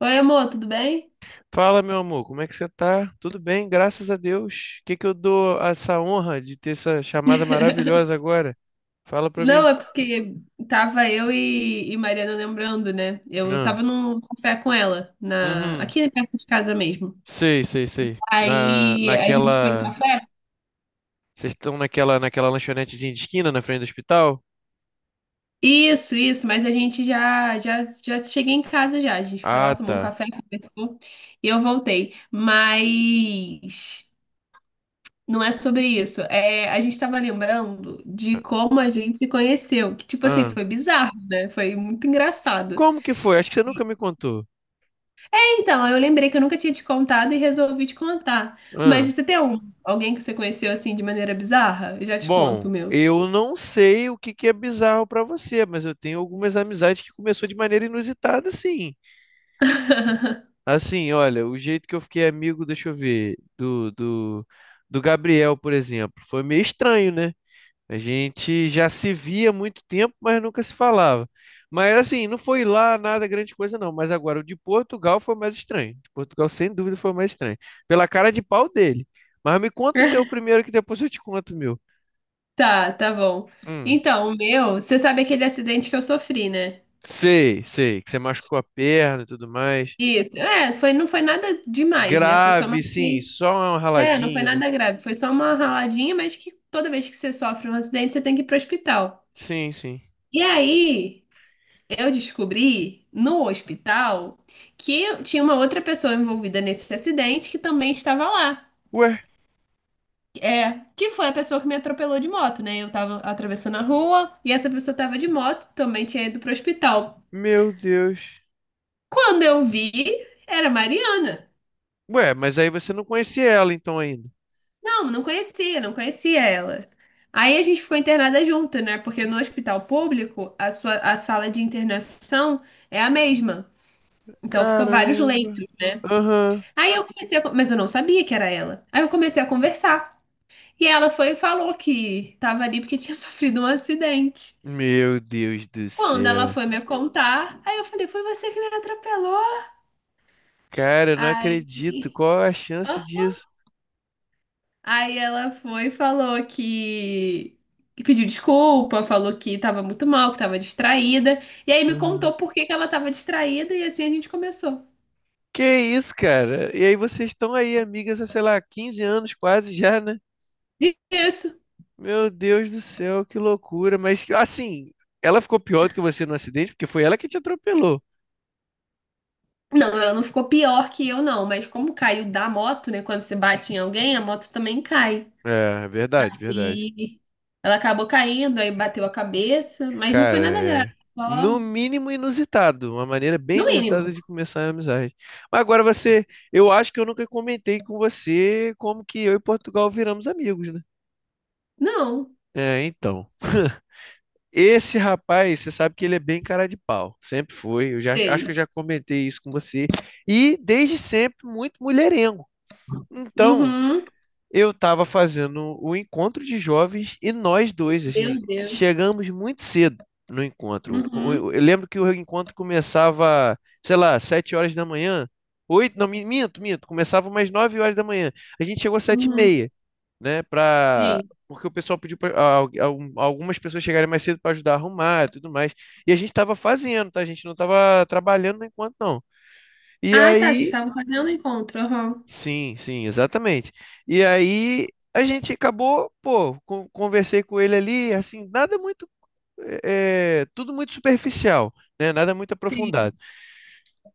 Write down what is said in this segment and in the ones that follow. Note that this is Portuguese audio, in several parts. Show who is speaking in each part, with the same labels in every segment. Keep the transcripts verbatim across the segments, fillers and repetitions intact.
Speaker 1: Oi, amor, tudo bem?
Speaker 2: Fala, meu amor, como é que você tá? Tudo bem, graças a Deus. O que que eu dou essa honra de ter essa chamada maravilhosa agora? Fala pra
Speaker 1: Não,
Speaker 2: mim.
Speaker 1: é porque tava eu e, e Mariana lembrando, né? Eu
Speaker 2: Ah,
Speaker 1: tava num café com ela, na,
Speaker 2: uhum.
Speaker 1: aqui perto de casa mesmo.
Speaker 2: Sei, sei, sei. Na,
Speaker 1: Aí a gente foi no
Speaker 2: naquela.
Speaker 1: café?
Speaker 2: Vocês estão naquela, naquela lanchonetezinha de esquina na frente do hospital?
Speaker 1: Isso, isso, mas a gente já, já, já cheguei em casa já. A gente foi lá,
Speaker 2: Ah,
Speaker 1: tomou um
Speaker 2: tá.
Speaker 1: café, conversou e eu voltei. Mas não é sobre isso. É, a gente tava lembrando de
Speaker 2: Ah.
Speaker 1: como a gente se conheceu. Que, tipo assim,
Speaker 2: Ah.
Speaker 1: foi bizarro, né? Foi muito engraçado.
Speaker 2: Como que foi? Acho que você nunca me contou.
Speaker 1: Então, eu lembrei que eu nunca tinha te contado e resolvi te contar. Mas
Speaker 2: Ah.
Speaker 1: você tem um, alguém que você conheceu assim de maneira bizarra? Eu já te conto
Speaker 2: Bom,
Speaker 1: o meu.
Speaker 2: eu não sei o que que é bizarro pra você, mas eu tenho algumas amizades que começou de maneira inusitada, sim. Assim, olha, o jeito que eu fiquei amigo, deixa eu ver, do, do, do Gabriel, por exemplo, foi meio estranho, né? A gente já se via há muito tempo, mas nunca se falava. Mas assim, não foi lá nada grande coisa, não. Mas agora, o de Portugal foi mais estranho. De Portugal, sem dúvida, foi mais estranho. Pela cara de pau dele. Mas me conta o seu primeiro, que depois eu te conto o meu.
Speaker 1: Tá, tá bom.
Speaker 2: Hum,
Speaker 1: Então, o meu, você sabe aquele acidente que eu sofri, né?
Speaker 2: sei, sei, que você machucou a perna e tudo mais.
Speaker 1: Isso. É, foi, não foi nada demais, né? Foi só uma.
Speaker 2: Grave, sim, só um
Speaker 1: É, não foi
Speaker 2: raladinho, né?
Speaker 1: nada grave. Foi só uma raladinha, mas que toda vez que você sofre um acidente, você tem que ir pro hospital.
Speaker 2: Sim, sim.
Speaker 1: E aí, eu descobri no hospital que tinha uma outra pessoa envolvida nesse acidente que também estava lá.
Speaker 2: Ué?
Speaker 1: É, que foi a pessoa que me atropelou de moto, né? Eu tava atravessando a rua e essa pessoa tava de moto, também tinha ido pro hospital.
Speaker 2: Meu Deus.
Speaker 1: Quando eu vi, era a Mariana.
Speaker 2: Ué, mas aí você não conhecia ela então ainda.
Speaker 1: Não, não conhecia, não conhecia ela. Aí a gente ficou internada junto, né? Porque no hospital público, a sua, a sala de internação é a mesma. Então fica vários
Speaker 2: Caramba.
Speaker 1: leitos.
Speaker 2: Aham.
Speaker 1: Aí eu comecei a, con- mas eu não sabia que era ela. Aí eu comecei a conversar. E ela foi e falou que tava ali porque tinha sofrido um acidente.
Speaker 2: Meu Deus do
Speaker 1: Quando ela
Speaker 2: céu.
Speaker 1: foi me contar, aí eu falei, foi você que me atropelou.
Speaker 2: Cara, eu não
Speaker 1: Aí,
Speaker 2: acredito. Qual a chance
Speaker 1: Ah.
Speaker 2: disso?
Speaker 1: aí ela foi e falou que que pediu desculpa, falou que tava muito mal, que tava distraída. E aí me
Speaker 2: Aham.
Speaker 1: contou por que que ela tava distraída e assim a gente começou.
Speaker 2: Que isso, cara? E aí vocês estão aí, amigas, há, sei lá, quinze anos quase já, né?
Speaker 1: Isso.
Speaker 2: Meu Deus do céu, que loucura. Mas assim, ela ficou pior do que você no acidente, porque foi ela que te atropelou.
Speaker 1: Não, ela não ficou pior que eu, não. Mas como caiu da moto, né? Quando você bate em alguém, a moto também cai.
Speaker 2: É, verdade, verdade.
Speaker 1: E ela acabou caindo, aí bateu a cabeça, mas não foi
Speaker 2: Cara,
Speaker 1: nada grave,
Speaker 2: é no
Speaker 1: só
Speaker 2: mínimo inusitado, uma maneira bem
Speaker 1: no
Speaker 2: inusitada
Speaker 1: mínimo.
Speaker 2: de começar a amizade. Mas agora você, eu acho que eu nunca comentei com você como que eu e Portugal viramos amigos, né?
Speaker 1: Não,
Speaker 2: É, então. Esse rapaz, você sabe que ele é bem cara de pau, sempre foi. Eu já acho que eu
Speaker 1: sei.
Speaker 2: já comentei isso com você. E desde sempre muito mulherengo. Então,
Speaker 1: Uhum,
Speaker 2: eu estava fazendo o encontro de jovens e nós dois, assim,
Speaker 1: meu Deus.
Speaker 2: chegamos muito cedo no encontro. O- o-
Speaker 1: Uhum,
Speaker 2: Eu lembro que o encontro começava, sei lá, sete horas da manhã, oito, não, mi- minto, minto, começava umas nove horas da manhã. A gente chegou às sete e
Speaker 1: uhum,
Speaker 2: meia, né, pra...
Speaker 1: sim.
Speaker 2: Porque o pessoal pediu para algumas pessoas chegarem mais cedo para ajudar a arrumar e tudo mais. E a gente estava fazendo, tá? A gente não estava trabalhando no encontro, não. E
Speaker 1: Ah, tá, vocês
Speaker 2: aí.
Speaker 1: estavam fazendo encontro, aham.
Speaker 2: Sim, sim, exatamente. E aí a gente acabou, pô, con- conversei com ele ali, assim, nada muito, é, tudo muito superficial, né? Nada muito aprofundado.
Speaker 1: Sim.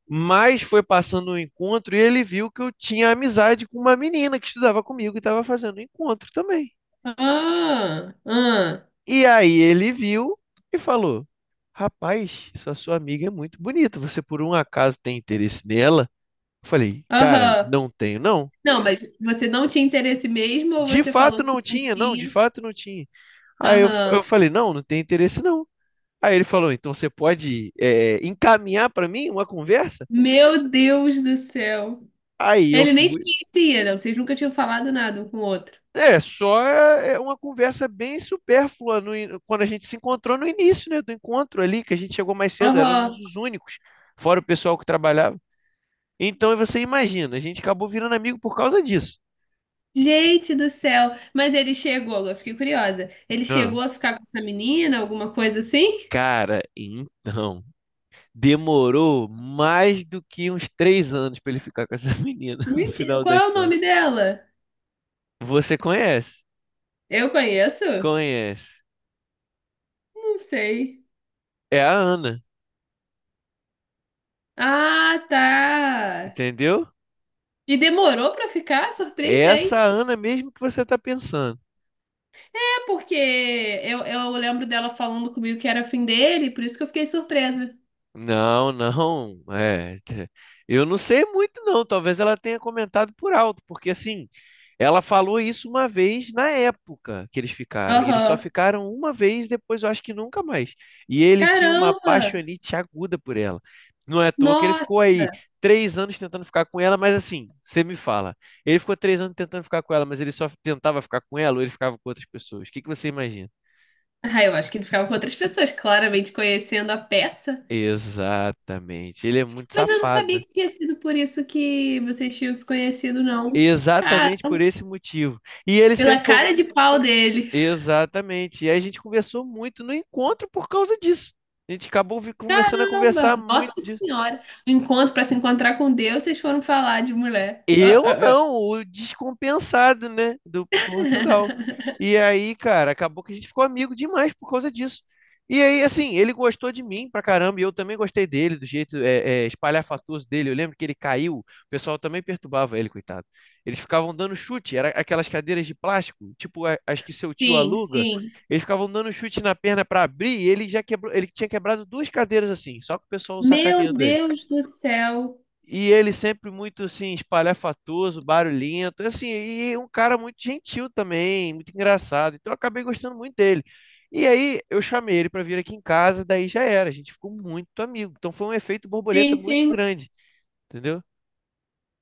Speaker 2: Mas foi passando o encontro e ele viu que eu tinha amizade com uma menina que estudava comigo e estava fazendo o encontro também.
Speaker 1: Ah, ah,
Speaker 2: E aí ele viu e falou: rapaz, essa sua amiga é muito bonita. Você por um acaso tem interesse nela? Eu falei, cara,
Speaker 1: aham.
Speaker 2: não tenho, não.
Speaker 1: Não, mas você não tinha interesse mesmo ou
Speaker 2: De
Speaker 1: você
Speaker 2: fato
Speaker 1: falou que
Speaker 2: não
Speaker 1: não
Speaker 2: tinha, não, de
Speaker 1: tinha?
Speaker 2: fato não tinha. Aí eu, eu
Speaker 1: Aham.
Speaker 2: falei, não, não tem interesse não. Aí ele falou, então você pode é, encaminhar para mim uma conversa?
Speaker 1: Meu Deus do céu.
Speaker 2: Aí eu
Speaker 1: Ele nem te
Speaker 2: fui.
Speaker 1: conhecia, não. Vocês nunca tinham falado nada um com o outro.
Speaker 2: É, só é é uma conversa bem supérflua no in- quando a gente se encontrou no início, né, do encontro ali, que a gente chegou mais cedo, éramos
Speaker 1: Aham.
Speaker 2: os únicos, fora o pessoal que trabalhava. Então você imagina, a gente acabou virando amigo por causa disso.
Speaker 1: Gente do céu! Mas ele chegou, eu fiquei curiosa. Ele
Speaker 2: Ah.
Speaker 1: chegou a ficar com essa menina, alguma coisa assim?
Speaker 2: Cara, então, demorou mais do que uns três anos para ele ficar com essa menina, no
Speaker 1: Mentira.
Speaker 2: final
Speaker 1: Qual
Speaker 2: das
Speaker 1: é o
Speaker 2: contas.
Speaker 1: nome dela?
Speaker 2: Você conhece?
Speaker 1: Eu conheço?
Speaker 2: Conhece.
Speaker 1: Não sei.
Speaker 2: É a Ana,
Speaker 1: Ah, tá.
Speaker 2: entendeu?
Speaker 1: E demorou pra ficar?
Speaker 2: É essa
Speaker 1: Surpreendente.
Speaker 2: Ana mesmo que você está pensando.
Speaker 1: É porque eu, eu lembro dela falando comigo que era fim dele, por isso que eu fiquei surpresa.
Speaker 2: Não, não. É, eu não sei muito, não. Talvez ela tenha comentado por alto, porque assim, ela falou isso uma vez na época que eles ficaram. E eles só
Speaker 1: Aham.
Speaker 2: ficaram uma vez, depois eu acho que nunca mais. E ele tinha uma
Speaker 1: Caramba!
Speaker 2: paixonite aguda por ela. Não é à toa que ele
Speaker 1: Nossa!
Speaker 2: ficou aí três anos tentando ficar com ela, mas assim, você me fala. Ele ficou três anos tentando ficar com ela, mas ele só tentava ficar com ela ou ele ficava com outras pessoas? O que que você imagina?
Speaker 1: Ah, eu acho que ele ficava com outras pessoas, claramente conhecendo a peça.
Speaker 2: Exatamente. Ele é muito
Speaker 1: Mas eu não
Speaker 2: safado,
Speaker 1: sabia
Speaker 2: né?
Speaker 1: que tinha sido por isso que vocês tinham se conhecido, não. Cara,
Speaker 2: Exatamente por esse motivo. E ele
Speaker 1: pela
Speaker 2: sempre foi. Um.
Speaker 1: cara de pau dele.
Speaker 2: Exatamente. E aí a gente conversou muito no encontro por causa disso. A gente acabou vi- começando a conversar
Speaker 1: Caramba! Nossa
Speaker 2: muito.
Speaker 1: Senhora! Um Encontro para se encontrar com Deus, vocês foram falar de mulher. Ah,
Speaker 2: Eu
Speaker 1: ah, ah.
Speaker 2: não, o descompensado, né, do Portugal. E aí, cara, acabou que a gente ficou amigo demais por causa disso. E aí, assim, ele gostou de mim pra caramba, e eu também gostei dele, do jeito é, é, espalhafatoso dele. Eu lembro que ele caiu, o pessoal também perturbava ele, coitado. Eles ficavam dando chute, era aquelas cadeiras de plástico, tipo a- as que seu tio
Speaker 1: Sim,
Speaker 2: aluga.
Speaker 1: sim.
Speaker 2: Eles ficavam dando chute na perna pra abrir, e ele já quebrou, ele tinha quebrado duas cadeiras assim, só que o pessoal
Speaker 1: Meu
Speaker 2: sacaneando ele.
Speaker 1: Deus do céu.
Speaker 2: E ele sempre muito assim, espalhafatoso, barulhento, assim, e um cara muito gentil também, muito engraçado. Então eu acabei gostando muito dele. E aí eu chamei ele para vir aqui em casa, daí já era, a gente ficou muito amigo. Então foi um efeito borboleta
Speaker 1: Sim,
Speaker 2: muito
Speaker 1: sim,
Speaker 2: grande, entendeu?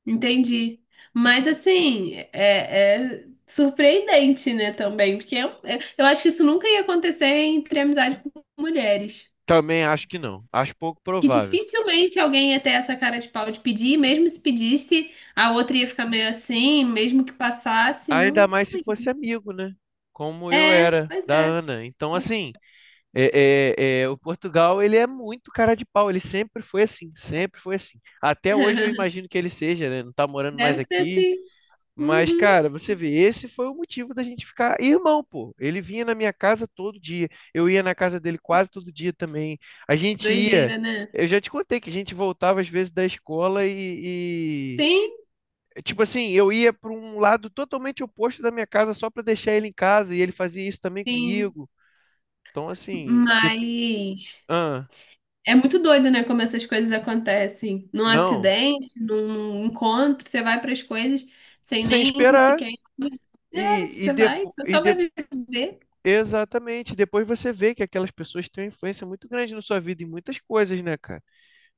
Speaker 1: entendi. Mas assim, é, é surpreendente, né, também, porque é um- é- eu acho que isso nunca ia acontecer entre amizade com mulheres.
Speaker 2: Também acho que não, acho pouco
Speaker 1: Que
Speaker 2: provável.
Speaker 1: dificilmente alguém ia ter essa cara de pau de pedir, e mesmo se pedisse, a outra ia ficar meio assim, mesmo que passasse,
Speaker 2: Ainda
Speaker 1: não,
Speaker 2: mais
Speaker 1: não
Speaker 2: se
Speaker 1: ia.
Speaker 2: fosse amigo, né? Como eu
Speaker 1: É,
Speaker 2: era
Speaker 1: pois
Speaker 2: da
Speaker 1: é.
Speaker 2: Ana. Então, assim, É, é, é, o Portugal, ele é muito cara de pau, ele sempre foi assim, sempre foi assim. Até hoje eu imagino que ele seja, né? Não tá morando mais
Speaker 1: Deve ser
Speaker 2: aqui.
Speaker 1: assim.
Speaker 2: Mas,
Speaker 1: Uhum.
Speaker 2: cara, você vê, esse foi o motivo da gente ficar irmão, pô. Ele vinha na minha casa todo dia, eu ia na casa dele quase todo dia também. A gente ia,
Speaker 1: Doideira, né?
Speaker 2: eu já te contei que a gente voltava às vezes da escola e,
Speaker 1: Sim,
Speaker 2: e- tipo assim, eu ia para um lado totalmente oposto da minha casa só para deixar ele em casa e ele fazia isso também
Speaker 1: sim.
Speaker 2: comigo. Então, assim, de...
Speaker 1: Mas é muito doido, né? Como essas coisas acontecem. Num
Speaker 2: Não,
Speaker 1: acidente, num encontro, você vai para as coisas sem
Speaker 2: sem
Speaker 1: nem
Speaker 2: esperar.
Speaker 1: sequer. É, se
Speaker 2: E, e,
Speaker 1: você vai,
Speaker 2: depo,
Speaker 1: você
Speaker 2: e
Speaker 1: só vai
Speaker 2: de,
Speaker 1: viver.
Speaker 2: exatamente, depois você vê que aquelas pessoas têm uma influência muito grande na sua vida em muitas coisas, né, cara?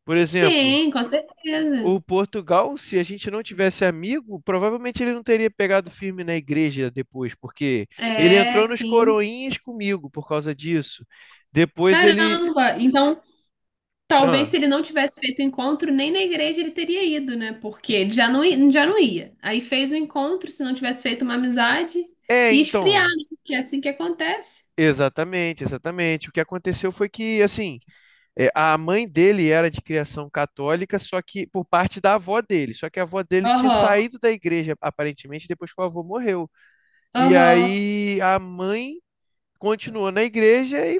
Speaker 2: Por exemplo,
Speaker 1: Tem, com certeza.
Speaker 2: o Portugal, se a gente não tivesse amigo, provavelmente ele não teria pegado firme na igreja depois, porque ele
Speaker 1: É,
Speaker 2: entrou nos
Speaker 1: sim.
Speaker 2: coroinhas comigo por causa disso. Depois ele.
Speaker 1: Caramba! Então, talvez se
Speaker 2: Ah,
Speaker 1: ele não tivesse feito o encontro, nem na igreja ele teria ido, né? Porque ele já não, i- já não ia. Aí fez o encontro, se não tivesse feito uma amizade,
Speaker 2: é,
Speaker 1: e esfriar,
Speaker 2: então.
Speaker 1: né? Que é assim que acontece.
Speaker 2: Exatamente, exatamente. O que aconteceu foi que, assim. É, a mãe dele era de criação católica, só que por parte da avó dele. Só que a avó dele tinha
Speaker 1: Aham,
Speaker 2: saído da igreja, aparentemente, depois que o avô morreu. E
Speaker 1: aham,
Speaker 2: aí a mãe continuou na igreja e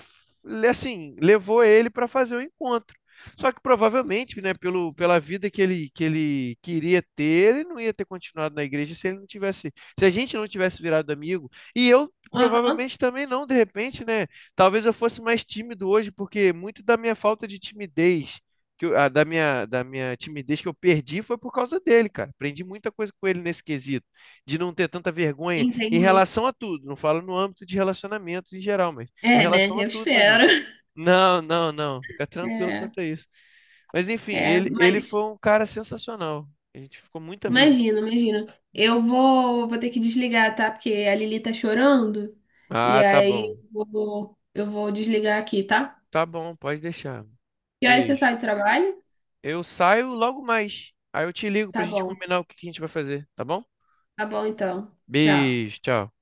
Speaker 2: assim, levou ele para fazer o encontro. Só que provavelmente, né, pelo, pela vida que ele, que ele queria ter, ele não ia ter continuado na igreja se ele não tivesse, se a gente não tivesse virado amigo. E eu
Speaker 1: aham,
Speaker 2: provavelmente também não, de repente, né? Talvez eu fosse mais tímido hoje, porque muito da minha falta de timidez, que eu- ah, da minha, da minha timidez que eu perdi foi por causa dele, cara. Aprendi muita coisa com ele nesse quesito, de não ter tanta vergonha em
Speaker 1: entendi.
Speaker 2: relação a tudo, não falo no âmbito de relacionamentos em geral, mas em
Speaker 1: É, né?
Speaker 2: relação a
Speaker 1: Eu
Speaker 2: tudo na vida.
Speaker 1: espero.
Speaker 2: Não, não, não, fica tranquilo
Speaker 1: É,
Speaker 2: quanto a isso. Mas enfim,
Speaker 1: é,
Speaker 2: ele, ele foi
Speaker 1: mas
Speaker 2: um cara sensacional. A gente ficou muito amigo.
Speaker 1: imagino, imagino. Eu vou, vou ter que desligar, tá? Porque a Lili tá chorando. E
Speaker 2: Ah, tá
Speaker 1: aí
Speaker 2: bom.
Speaker 1: eu vou, eu vou desligar aqui, tá?
Speaker 2: Tá bom, pode deixar.
Speaker 1: Que horas você
Speaker 2: Beijo.
Speaker 1: sai do trabalho?
Speaker 2: Eu saio logo mais. Aí eu te ligo pra
Speaker 1: Tá
Speaker 2: gente
Speaker 1: bom.
Speaker 2: combinar o que que a gente vai fazer, tá bom?
Speaker 1: Tá bom, então. Tchau.
Speaker 2: Beijo, tchau.